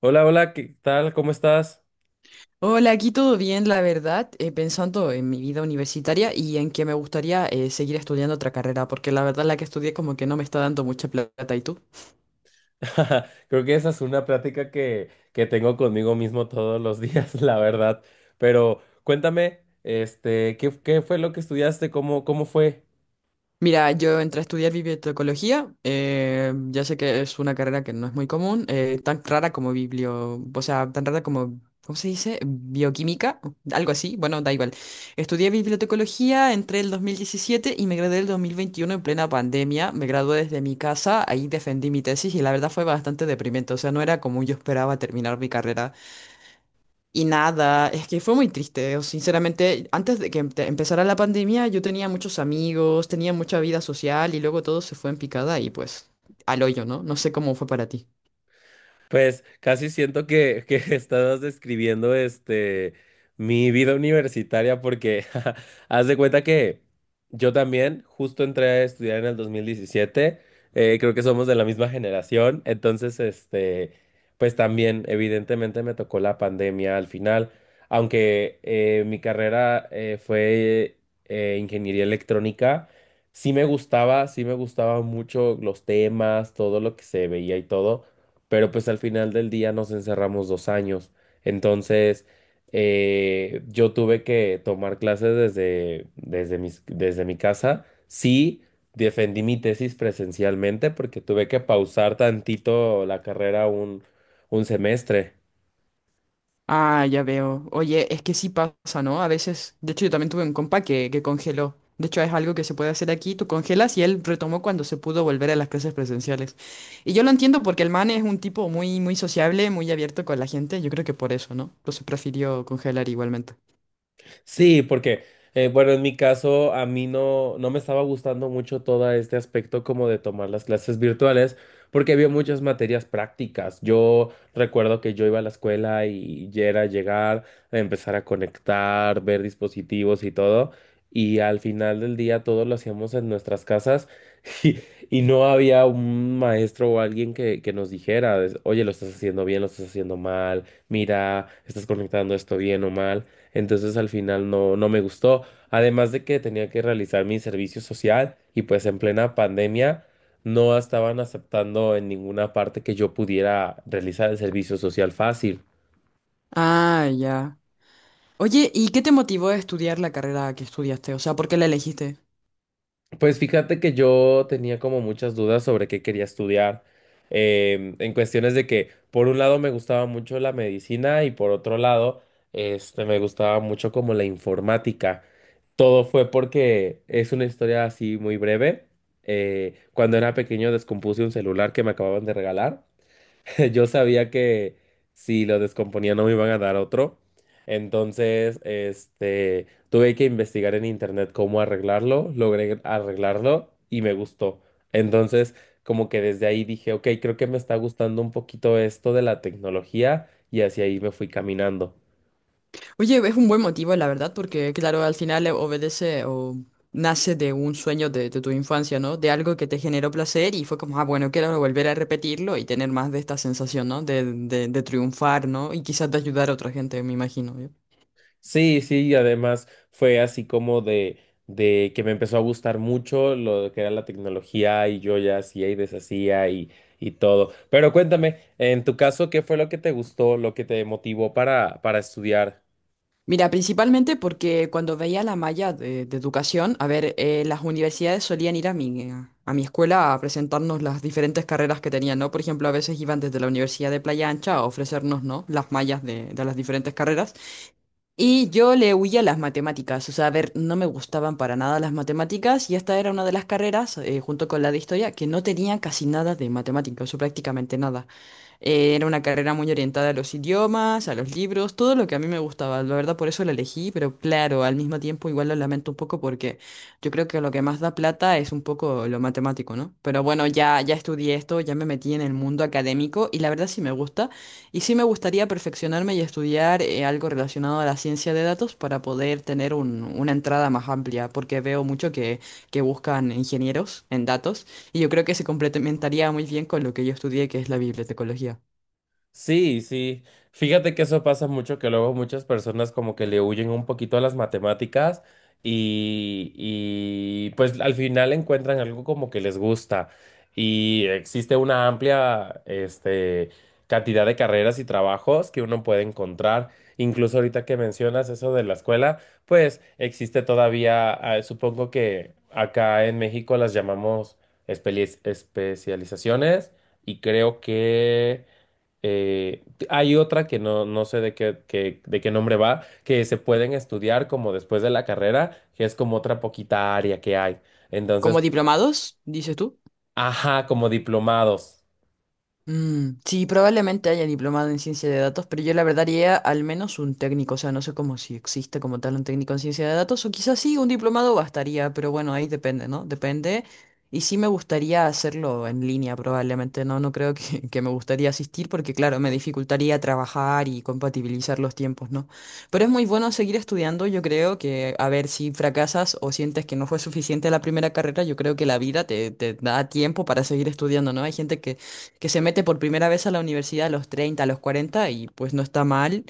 Hola, hola, ¿qué tal? ¿Cómo estás? Hola, aquí todo bien, la verdad, pensando en mi vida universitaria y en que me gustaría seguir estudiando otra carrera, porque la verdad la que estudié como que no me está dando mucha plata. ¿Y tú? Creo que esa es una plática que tengo conmigo mismo todos los días, la verdad. Pero cuéntame, este, ¿qué fue lo que estudiaste? ¿Cómo fue? Mira, yo entré a estudiar bibliotecología, ya sé que es una carrera que no es muy común, tan rara como biblio, o sea, tan rara como, ¿cómo se dice? Bioquímica, algo así, bueno, da igual. Estudié bibliotecología, entré el 2017 y me gradué el 2021 en plena pandemia, me gradué desde mi casa, ahí defendí mi tesis y la verdad fue bastante deprimente, o sea, no era como yo esperaba terminar mi carrera. Y nada, es que fue muy triste, o sinceramente, antes de que empezara la pandemia yo tenía muchos amigos, tenía mucha vida social y luego todo se fue en picada y pues al hoyo, ¿no? No sé cómo fue para ti. Pues casi siento que estás describiendo este mi vida universitaria porque haz de cuenta que yo también justo entré a estudiar en el 2017. Creo que somos de la misma generación, entonces este pues también evidentemente me tocó la pandemia al final, aunque mi carrera fue ingeniería electrónica. Sí me gustaba, sí me gustaba mucho los temas, todo lo que se veía y todo, pero pues al final del día nos encerramos dos años. Entonces, yo tuve que tomar clases desde mi casa. Sí, defendí mi tesis presencialmente porque tuve que pausar tantito la carrera un semestre. Ah, ya veo. Oye, es que sí pasa, ¿no? A veces, de hecho yo también tuve un compa que congeló. De hecho es algo que se puede hacer aquí, tú congelas y él retomó cuando se pudo volver a las clases presenciales. Y yo lo entiendo porque el man es un tipo muy, muy sociable, muy abierto con la gente, yo creo que por eso, ¿no? Entonces prefirió congelar igualmente. Sí, porque, bueno, en mi caso, a mí no me estaba gustando mucho todo este aspecto como de tomar las clases virtuales, porque había muchas materias prácticas. Yo recuerdo que yo iba a la escuela y ya era llegar, empezar a conectar, ver dispositivos y todo, y al final del día todo lo hacíamos en nuestras casas y, y no había un maestro o alguien que nos dijera, oye, lo estás haciendo bien, lo estás haciendo mal, mira, estás conectando esto bien o mal. Entonces al final no me gustó. Además de que tenía que realizar mi servicio social y pues en plena pandemia no estaban aceptando en ninguna parte que yo pudiera realizar el servicio social fácil. Ah, ya. Oye, ¿y qué te motivó a estudiar la carrera que estudiaste? O sea, ¿por qué la elegiste? Pues fíjate que yo tenía como muchas dudas sobre qué quería estudiar. En cuestiones de que por un lado me gustaba mucho la medicina y por otro lado este, me gustaba mucho como la informática. Todo fue porque es una historia así muy breve. Cuando era pequeño descompuse un celular que me acababan de regalar. Yo sabía que si lo descomponía no me iban a dar otro. Entonces, este, tuve que investigar en internet cómo arreglarlo. Logré arreglarlo y me gustó. Entonces, como que desde ahí dije, ok, creo que me está gustando un poquito esto de la tecnología y hacia ahí me fui caminando. Oye, es un buen motivo, la verdad, porque claro, al final obedece o nace de un sueño de tu infancia, ¿no? De algo que te generó placer y fue como, ah, bueno, quiero volver a repetirlo y tener más de esta sensación, ¿no? De triunfar, ¿no? Y quizás de ayudar a otra gente, me imagino. ¿Eh? Sí, sí, y además fue así como de que me empezó a gustar mucho lo que era la tecnología y yo ya hacía y deshacía y todo. Pero cuéntame, en tu caso, ¿qué fue lo que te gustó, lo que te motivó para estudiar? Mira, principalmente porque cuando veía la malla de educación, a ver, las universidades solían ir a a mi escuela a presentarnos las diferentes carreras que tenían, ¿no? Por ejemplo, a veces iban desde la Universidad de Playa Ancha a ofrecernos, ¿no? Las mallas de las diferentes carreras. Y yo le huía a las matemáticas, o sea, a ver, no me gustaban para nada las matemáticas y esta era una de las carreras, junto con la de historia, que no tenía casi nada de matemáticas, o prácticamente nada. Era una carrera muy orientada a los idiomas, a los libros, todo lo que a mí me gustaba. La verdad, por eso la elegí, pero claro, al mismo tiempo igual lo lamento un poco porque yo creo que lo que más da plata es un poco lo matemático, ¿no? Pero bueno, ya estudié esto, ya me metí en el mundo académico y la verdad sí me gusta. Y sí me gustaría perfeccionarme y estudiar algo relacionado a la ciencia de datos para poder tener una entrada más amplia, porque veo mucho que buscan ingenieros en datos. Y yo creo que se complementaría muy bien con lo que yo estudié, que es la bibliotecología. Sí, sí. Fíjate que eso pasa mucho, que luego muchas personas como que le huyen un poquito a las matemáticas y pues al final encuentran algo como que les gusta. Y existe una amplia, este, cantidad de carreras y trabajos que uno puede encontrar. Incluso ahorita que mencionas eso de la escuela, pues existe todavía, ah, supongo que acá en México las llamamos especializaciones y creo que... Hay otra que no sé de qué, de qué nombre va, que se pueden estudiar como después de la carrera, que es como otra poquita área que hay. Entonces, Como diplomados, dices tú. ajá, como diplomados. Mm, sí, probablemente haya diplomado en ciencia de datos, pero yo la verdad haría al menos un técnico, o sea, no sé cómo si existe como tal un técnico en ciencia de datos, o quizás sí, un diplomado bastaría, pero bueno, ahí depende, ¿no? Depende. Y sí me gustaría hacerlo en línea, probablemente, ¿no? No creo que me gustaría asistir porque, claro, me dificultaría trabajar y compatibilizar los tiempos, ¿no? Pero es muy bueno seguir estudiando, yo creo que, a ver, si fracasas o sientes que no fue suficiente la primera carrera, yo creo que la vida te da tiempo para seguir estudiando, ¿no? Hay gente que se mete por primera vez a la universidad a los 30, a los 40 y pues no está mal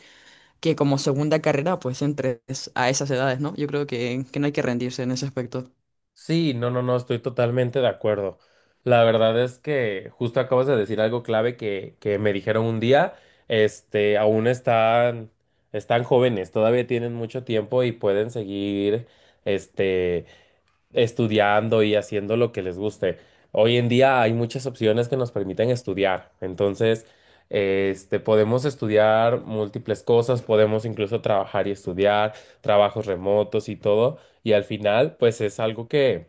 que como segunda carrera pues entres a esas edades, ¿no? Yo creo que no hay que rendirse en ese aspecto. Sí, no, estoy totalmente de acuerdo. La verdad es que justo acabas de decir algo clave que me dijeron un día, este, están jóvenes, todavía tienen mucho tiempo y pueden seguir, este, estudiando y haciendo lo que les guste. Hoy en día hay muchas opciones que nos permiten estudiar. Entonces, este, podemos estudiar múltiples cosas, podemos incluso trabajar y estudiar, trabajos remotos y todo. Y al final, pues es algo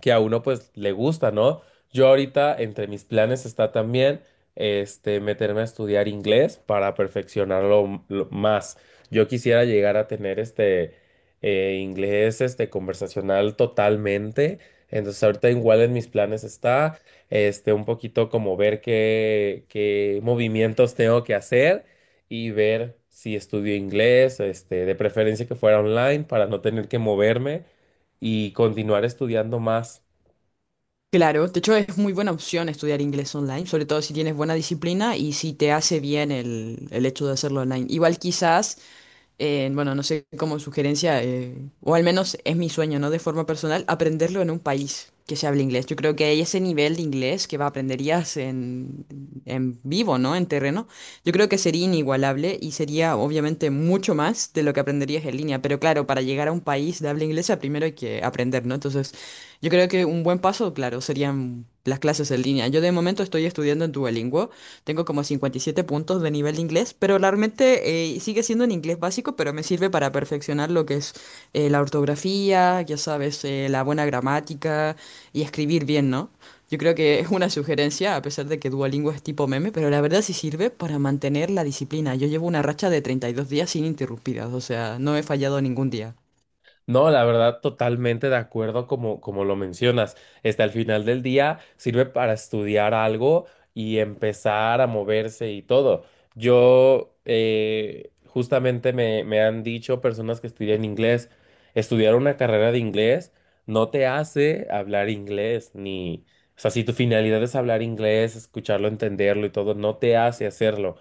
que a uno pues le gusta, ¿no? Yo ahorita entre mis planes está también este meterme a estudiar inglés para perfeccionarlo lo más. Yo quisiera llegar a tener este inglés este conversacional totalmente. Entonces ahorita igual en mis planes está este un poquito como ver qué movimientos tengo que hacer y ver si estudio inglés, este, de preferencia que fuera online para no tener que moverme y continuar estudiando más. Claro, de hecho es muy buena opción estudiar inglés online, sobre todo si tienes buena disciplina y si te hace bien el hecho de hacerlo online. Igual quizás, bueno, no sé como sugerencia, o al menos es mi sueño, ¿no? De forma personal, aprenderlo en un país que se hable inglés. Yo creo que hay ese nivel de inglés que va, aprenderías en vivo, ¿no? En terreno. Yo creo que sería inigualable y sería obviamente mucho más de lo que aprenderías en línea. Pero claro, para llegar a un país de habla inglesa primero hay que aprender, ¿no? Entonces… Yo creo que un buen paso, claro, serían las clases en línea. Yo de momento estoy estudiando en Duolingo, tengo como 57 puntos de nivel de inglés, pero realmente sigue siendo un inglés básico, pero me sirve para perfeccionar lo que es la ortografía, ya sabes, la buena gramática y escribir bien, ¿no? Yo creo que es una sugerencia, a pesar de que Duolingo es tipo meme, pero la verdad sí sirve para mantener la disciplina. Yo llevo una racha de 32 días sin interrumpidas, o sea, no he fallado ningún día. No, la verdad, totalmente de acuerdo como lo mencionas. Hasta el final del día sirve para estudiar algo y empezar a moverse y todo. Yo, justamente me han dicho personas que estudian inglés, estudiar una carrera de inglés no te hace hablar inglés, ni, o sea, si tu finalidad es hablar inglés, escucharlo, entenderlo y todo, no te hace hacerlo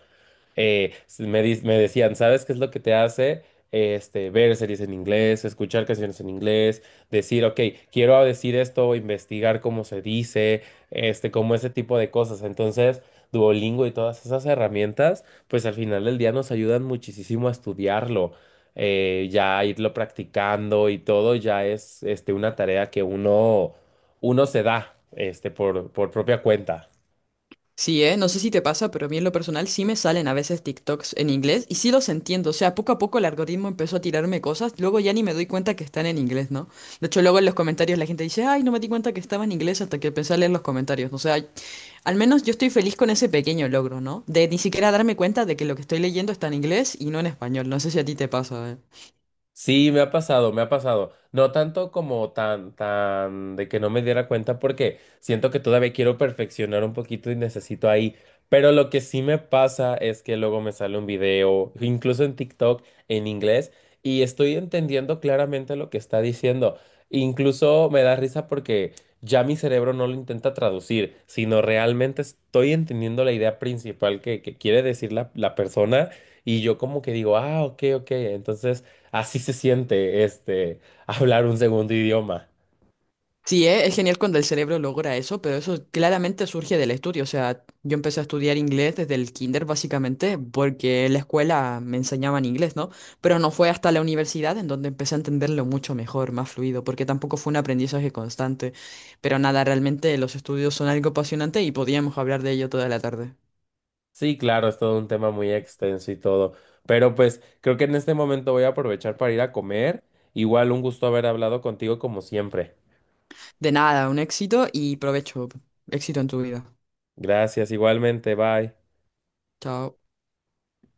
eh, me decían, ¿sabes qué es lo que te hace? Este, ver series en inglés, escuchar canciones en inglés, decir, ok, quiero decir esto, o investigar cómo se dice, este, como ese tipo de cosas. Entonces, Duolingo y todas esas herramientas, pues al final del día nos ayudan muchísimo a estudiarlo, ya irlo practicando y todo ya es, este, una tarea que uno se da, este, por propia cuenta. Sí, ¿eh? No sé si te pasa, pero a mí en lo personal sí me salen a veces TikToks en inglés y sí los entiendo. O sea, poco a poco el algoritmo empezó a tirarme cosas, luego ya ni me doy cuenta que están en inglés, ¿no? De hecho, luego en los comentarios la gente dice, ay, no me di cuenta que estaba en inglés hasta que empecé a leer los comentarios. O sea, al menos yo estoy feliz con ese pequeño logro, ¿no? De ni siquiera darme cuenta de que lo que estoy leyendo está en inglés y no en español. No sé si a ti te pasa, ¿eh? Sí, me ha pasado, me ha pasado. No tanto como tan de que no me diera cuenta porque siento que todavía quiero perfeccionar un poquito y necesito ahí. Pero lo que sí me pasa es que luego me sale un video, incluso en TikTok, en inglés, y estoy entendiendo claramente lo que está diciendo. Incluso me da risa porque ya mi cerebro no lo intenta traducir, sino realmente estoy entendiendo la idea principal que quiere decir la persona y yo como que digo, ah, ok, ok. Entonces... Así se siente, este, hablar un segundo idioma. Sí, es genial cuando el cerebro logra eso, pero eso claramente surge del estudio. O sea, yo empecé a estudiar inglés desde el kinder, básicamente, porque en la escuela me enseñaban inglés, ¿no? Pero no fue hasta la universidad en donde empecé a entenderlo mucho mejor, más fluido, porque tampoco fue un aprendizaje constante. Pero nada, realmente los estudios son algo apasionante y podíamos hablar de ello toda la tarde. Sí, claro, es todo un tema muy extenso y todo, pero pues creo que en este momento voy a aprovechar para ir a comer. Igual un gusto haber hablado contigo como siempre. De nada, un éxito y provecho. Éxito en tu vida. Gracias, igualmente, bye. Chao.